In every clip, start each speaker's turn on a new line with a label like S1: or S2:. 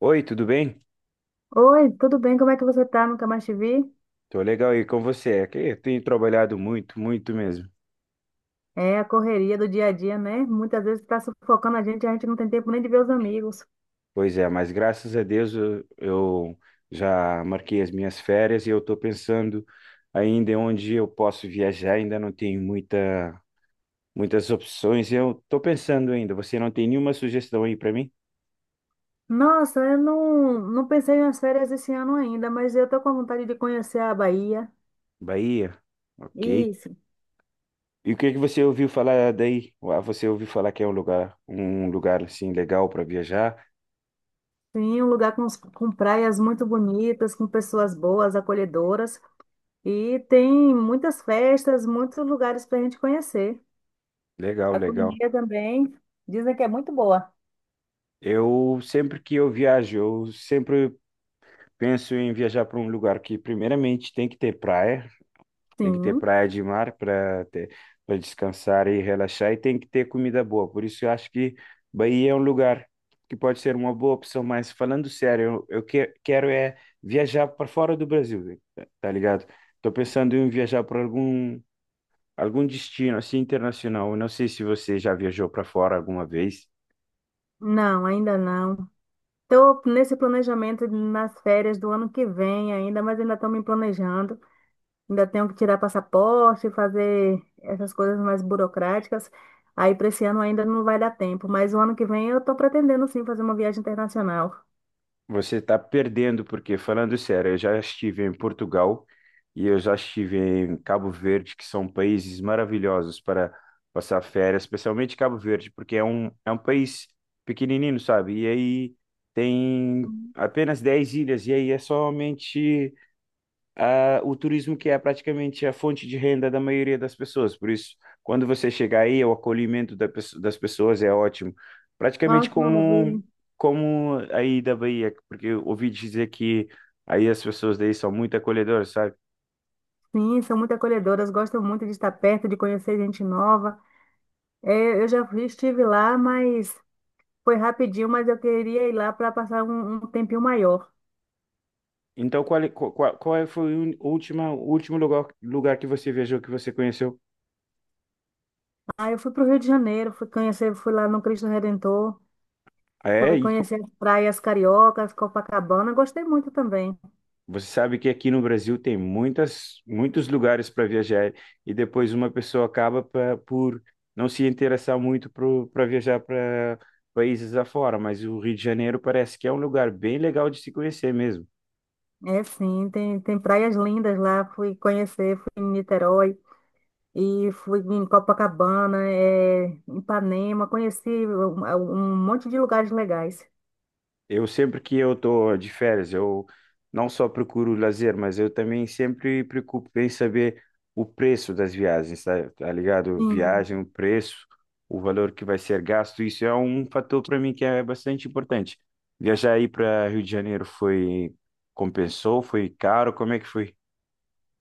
S1: Oi, tudo bem?
S2: Oi, tudo bem? Como é que você tá? Nunca mais te vi?
S1: Tô legal aí com você. É que eu tenho trabalhado muito, muito mesmo.
S2: É a correria do dia a dia, né? Muitas vezes tá sufocando a gente não tem tempo nem de ver os amigos.
S1: Pois é, mas graças a Deus eu já marquei as minhas férias e eu tô pensando ainda em onde eu posso viajar. Ainda não tenho muitas opções. Eu tô pensando ainda. Você não tem nenhuma sugestão aí para mim?
S2: Nossa, eu não pensei nas férias esse ano ainda, mas eu tô com vontade de conhecer a Bahia.
S1: Bahia? Ok.
S2: Isso,
S1: E o que que você ouviu falar daí? Você ouviu falar que é um lugar assim legal para viajar?
S2: sim, um com praias muito bonitas, com pessoas boas, acolhedoras. E tem muitas festas, muitos lugares para a gente conhecer.
S1: Legal,
S2: A
S1: legal.
S2: culinária também, dizem que é muito boa.
S1: Eu sempre que eu viajo, eu sempre penso em viajar para um lugar que, primeiramente, tem que ter praia, tem que ter
S2: Sim,
S1: praia de mar para ter, para descansar e relaxar, e tem que ter comida boa. Por isso, eu acho que Bahia é um lugar que pode ser uma boa opção. Mas, falando sério, quero é viajar para fora do Brasil, tá ligado? Estou pensando em viajar para algum destino assim internacional. Eu não sei se você já viajou para fora alguma vez.
S2: não, ainda não. Estou nesse planejamento nas férias do ano que vem ainda, mas ainda estou me planejando. Ainda tenho que tirar passaporte, fazer essas coisas mais burocráticas. Aí para esse ano ainda não vai dar tempo, mas o ano que vem eu estou pretendendo sim fazer uma viagem internacional.
S1: Você está perdendo, porque, falando sério, eu já estive em Portugal e eu já estive em Cabo Verde, que são países maravilhosos para passar férias, especialmente Cabo Verde, porque é um país pequenininho, sabe? E aí tem
S2: Hum.
S1: apenas 10 ilhas, e aí é somente o turismo que é praticamente a fonte de renda da maioria das pessoas. Por isso, quando você chegar aí, o acolhimento das pessoas é ótimo.
S2: Ah,
S1: Praticamente
S2: que maravilha.
S1: como aí da Bahia, porque eu ouvi dizer que aí as pessoas daí são muito acolhedoras, sabe?
S2: Sim, são muito acolhedoras, gostam muito de estar perto, de conhecer gente nova. É, estive lá, mas foi rapidinho, mas eu queria ir lá para passar um tempinho maior.
S1: Então, qual, é- qual, qual qual é, foi o última, o último lugar que você viajou, que você conheceu?
S2: Aí eu fui para o Rio de Janeiro, fui conhecer, fui lá no Cristo Redentor.
S1: É,
S2: Fui
S1: e
S2: conhecer as praias cariocas, Copacabana, gostei muito também.
S1: você sabe que aqui no Brasil tem muitos lugares para viajar e depois uma pessoa acaba por não se interessar muito para viajar para países afora, mas o Rio de Janeiro parece que é um lugar bem legal de se conhecer mesmo.
S2: É sim, tem praias lindas lá, fui conhecer, fui em Niterói e fui em Copacabana, é, em Ipanema, conheci um monte de lugares legais.
S1: Eu sempre que eu estou de férias, eu não só procuro lazer, mas eu também sempre preocupo em saber o preço das viagens, tá ligado?
S2: Sim.
S1: Viagem, o preço, o valor que vai ser gasto, isso é um fator para mim que é bastante importante. Viajar aí para Rio de Janeiro foi compensou, foi caro, como é que foi?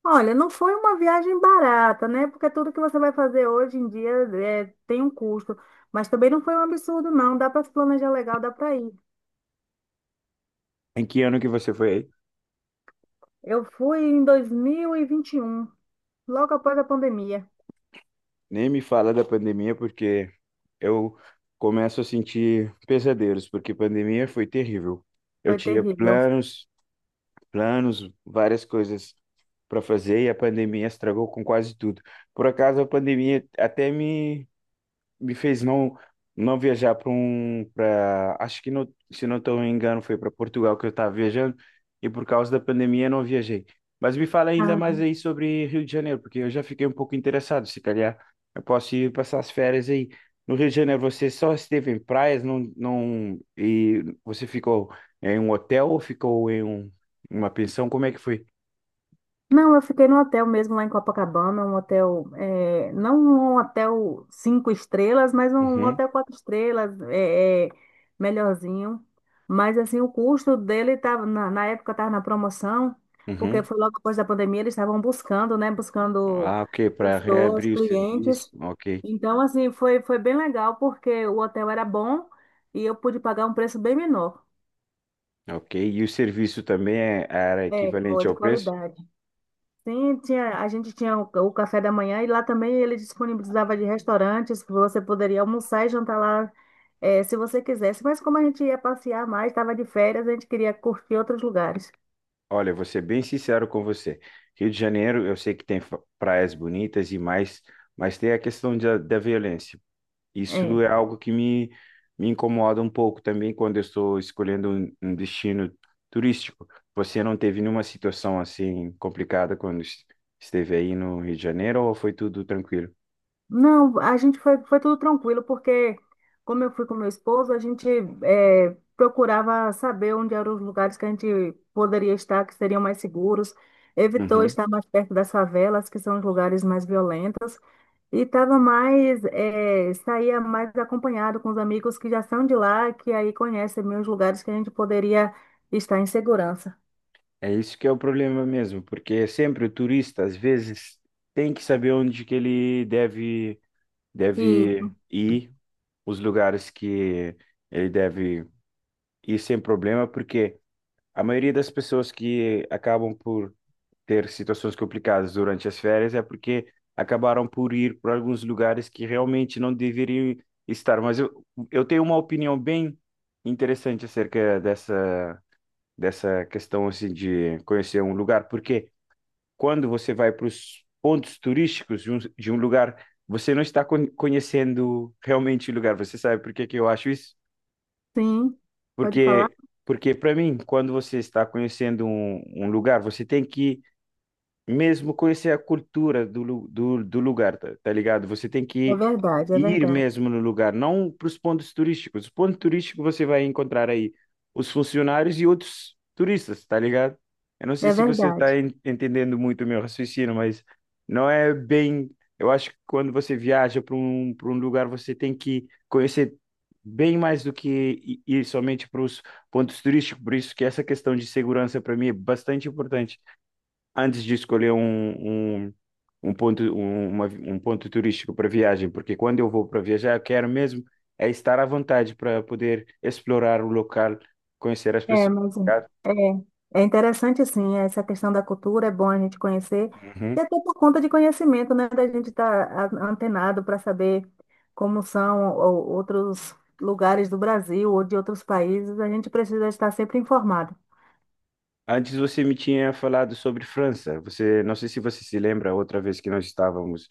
S2: Olha, não foi uma viagem barata, né? Porque tudo que você vai fazer hoje em dia é, tem um custo, mas também não foi um absurdo, não. Dá para se planejar legal, dá para ir.
S1: Em que ano que você foi aí?
S2: Eu fui em 2021, logo após a pandemia.
S1: Nem me fala da pandemia porque eu começo a sentir pesadelos, porque pandemia foi terrível. Eu
S2: Foi
S1: tinha
S2: terrível.
S1: planos, várias coisas para fazer e a pandemia estragou com quase tudo. Por acaso, a pandemia até me fez não viajar para um para acho que não, se não estou me engano foi para Portugal que eu estava viajando e por causa da pandemia eu não viajei. Mas me fala ainda
S2: Ah,
S1: mais aí sobre Rio de Janeiro, porque eu já fiquei um pouco interessado, se calhar eu posso ir passar as férias aí. No Rio de Janeiro você só esteve em praias, não e você ficou em um hotel ou ficou em uma pensão? Como é que foi?
S2: não, eu fiquei no hotel mesmo lá em Copacabana, um hotel, não um hotel cinco estrelas, mas um
S1: Uhum,
S2: hotel quatro estrelas, melhorzinho. Mas assim, o custo dele tava, na época estava na promoção, porque
S1: uhum.
S2: foi logo depois da pandemia, eles estavam buscando, né? Buscando
S1: Ah, ok, para
S2: pessoas,
S1: reabrir o serviço.
S2: clientes.
S1: Ok.
S2: Então, assim, foi bem legal, porque o hotel era bom e eu pude pagar um preço bem menor.
S1: Ok, e o serviço também era
S2: É,
S1: equivalente
S2: boa de
S1: ao preço?
S2: qualidade. Sim, tinha, a gente tinha o café da manhã e lá também ele disponibilizava de restaurantes que você poderia almoçar e jantar lá, se você quisesse. Mas como a gente ia passear mais, estava de férias, a gente queria curtir outros lugares.
S1: Olha, vou ser bem sincero com você. Rio de Janeiro, eu sei que tem praias bonitas e mais, mas tem a questão da violência. Isso
S2: É.
S1: é algo que me incomoda um pouco também quando eu estou escolhendo um destino turístico. Você não teve nenhuma situação assim complicada quando esteve aí no Rio de Janeiro ou foi tudo tranquilo?
S2: Não, a gente foi, foi tudo tranquilo, porque como eu fui com meu esposo, a gente procurava saber onde eram os lugares que a gente poderia estar, que seriam mais seguros. Evitou
S1: Uhum.
S2: estar mais perto das favelas, que são os lugares mais violentos. E tava mais, saía mais acompanhado com os amigos que já são de lá, que aí conhecem meus lugares que a gente poderia estar em segurança.
S1: É isso que é o problema mesmo, porque sempre o turista, às vezes, tem que saber onde que ele
S2: E
S1: deve ir, os lugares que ele deve ir sem problema, porque a maioria das pessoas que acabam por ter situações complicadas durante as férias é porque acabaram por ir para alguns lugares que realmente não deveriam estar. Eu tenho uma opinião bem interessante acerca dessa questão assim, de conhecer um lugar, porque quando você vai para os pontos turísticos de um lugar, você não está conhecendo realmente o lugar. Você sabe por que que eu acho isso?
S2: sim, pode falar?
S1: Porque, porque para mim, quando você está conhecendo um lugar, você tem que mesmo conhecer a cultura do lugar, tá ligado? Você tem
S2: É
S1: que
S2: verdade, é
S1: ir
S2: verdade,
S1: mesmo no lugar, não para os pontos turísticos. Os pontos turísticos você vai encontrar aí os funcionários e outros turistas, tá ligado? Eu não sei
S2: É
S1: se você está
S2: verdade.
S1: entendendo muito o meu raciocínio, mas não é bem. Eu acho que quando você viaja para para um lugar, você tem que conhecer bem mais do que ir somente para os pontos turísticos. Por isso que essa questão de segurança para mim é bastante importante antes de escolher um um ponto turístico para viagem, porque quando eu vou para viajar, eu quero mesmo é estar à vontade para poder explorar o local, conhecer as
S2: É,
S1: pessoas.
S2: mas
S1: Tá?
S2: é, é interessante sim, essa questão da cultura, é bom a gente conhecer,
S1: Uhum.
S2: e até por conta de conhecimento, né, da gente estar antenado para saber como são outros lugares do Brasil ou de outros países, a gente precisa estar sempre informado.
S1: Antes você me tinha falado sobre França. Você, não sei se você se lembra, outra vez que nós estávamos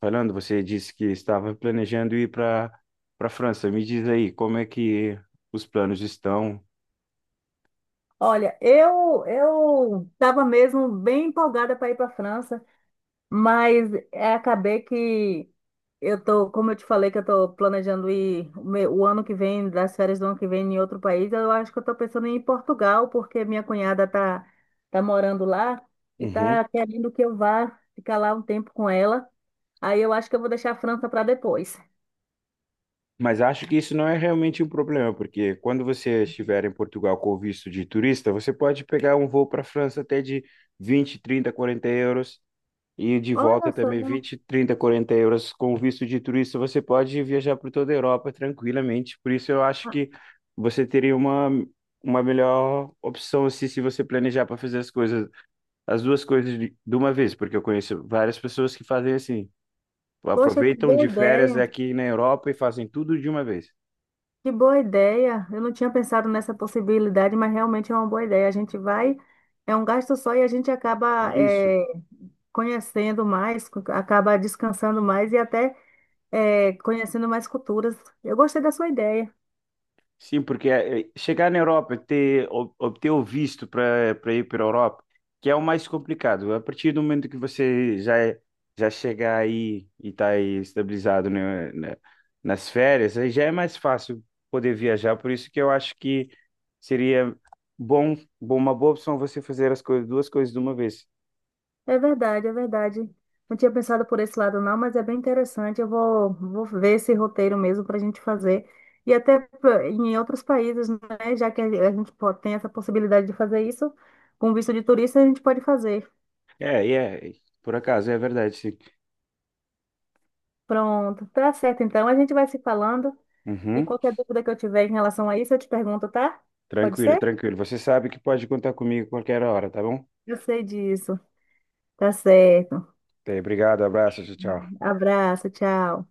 S1: falando, você disse que estava planejando ir para França. Me diz aí, como é que os planos estão?
S2: Olha, eu estava mesmo bem empolgada para ir para a França, mas é, acabei que eu tô, como eu te falei, que eu tô planejando ir o ano que vem, das férias do ano que vem em outro país. Eu acho que eu tô pensando em ir em Portugal, porque minha cunhada tá morando lá e tá querendo que eu vá ficar lá um tempo com ela. Aí eu acho que eu vou deixar a França para depois.
S1: Mas acho que isso não é realmente um problema, porque quando você estiver em Portugal com o visto de turista, você pode pegar um voo para a França até de 20, 30, 40 euros e de volta
S2: Olha só,
S1: também 20, 30, 40 euros com o visto de turista, você pode viajar por toda a Europa tranquilamente. Por isso eu acho que você teria uma melhor opção assim, se você planejar para fazer as coisas, as duas coisas de uma vez, porque eu conheço várias pessoas que fazem assim,
S2: poxa, que
S1: aproveitam
S2: boa
S1: de férias
S2: ideia.
S1: aqui na Europa e fazem tudo de uma vez.
S2: Que boa ideia! Eu não tinha pensado nessa possibilidade, mas realmente é uma boa ideia. A gente vai, é um gasto só e a gente acaba
S1: Isso.
S2: conhecendo mais, acaba descansando mais e até conhecendo mais culturas. Eu gostei da sua ideia.
S1: Sim, porque chegar na Europa, obter o visto para ir para a Europa, que é o mais complicado. A partir do momento que você já chegar aí e está aí estabilizado, né, nas férias, aí já é mais fácil poder viajar. Por isso que eu acho que seria uma boa opção você fazer as coisas, duas coisas de uma vez.
S2: É verdade, é verdade. Não tinha pensado por esse lado, não, mas é bem interessante. Vou ver esse roteiro mesmo para a gente fazer. E até em outros países, né? Já que a tem essa possibilidade de fazer isso, com visto de turista, a gente pode fazer.
S1: É, e é, por acaso, é verdade, sim.
S2: Pronto, tá certo então. A gente vai se falando e
S1: Uhum.
S2: qualquer dúvida que eu tiver em relação a isso, eu te pergunto, tá? Pode
S1: Tranquilo,
S2: ser?
S1: tranquilo. Você sabe que pode contar comigo a qualquer hora, tá bom?
S2: Eu sei disso. Tá certo.
S1: Até, obrigado, abraço, tchau, tchau.
S2: Abraço, tchau.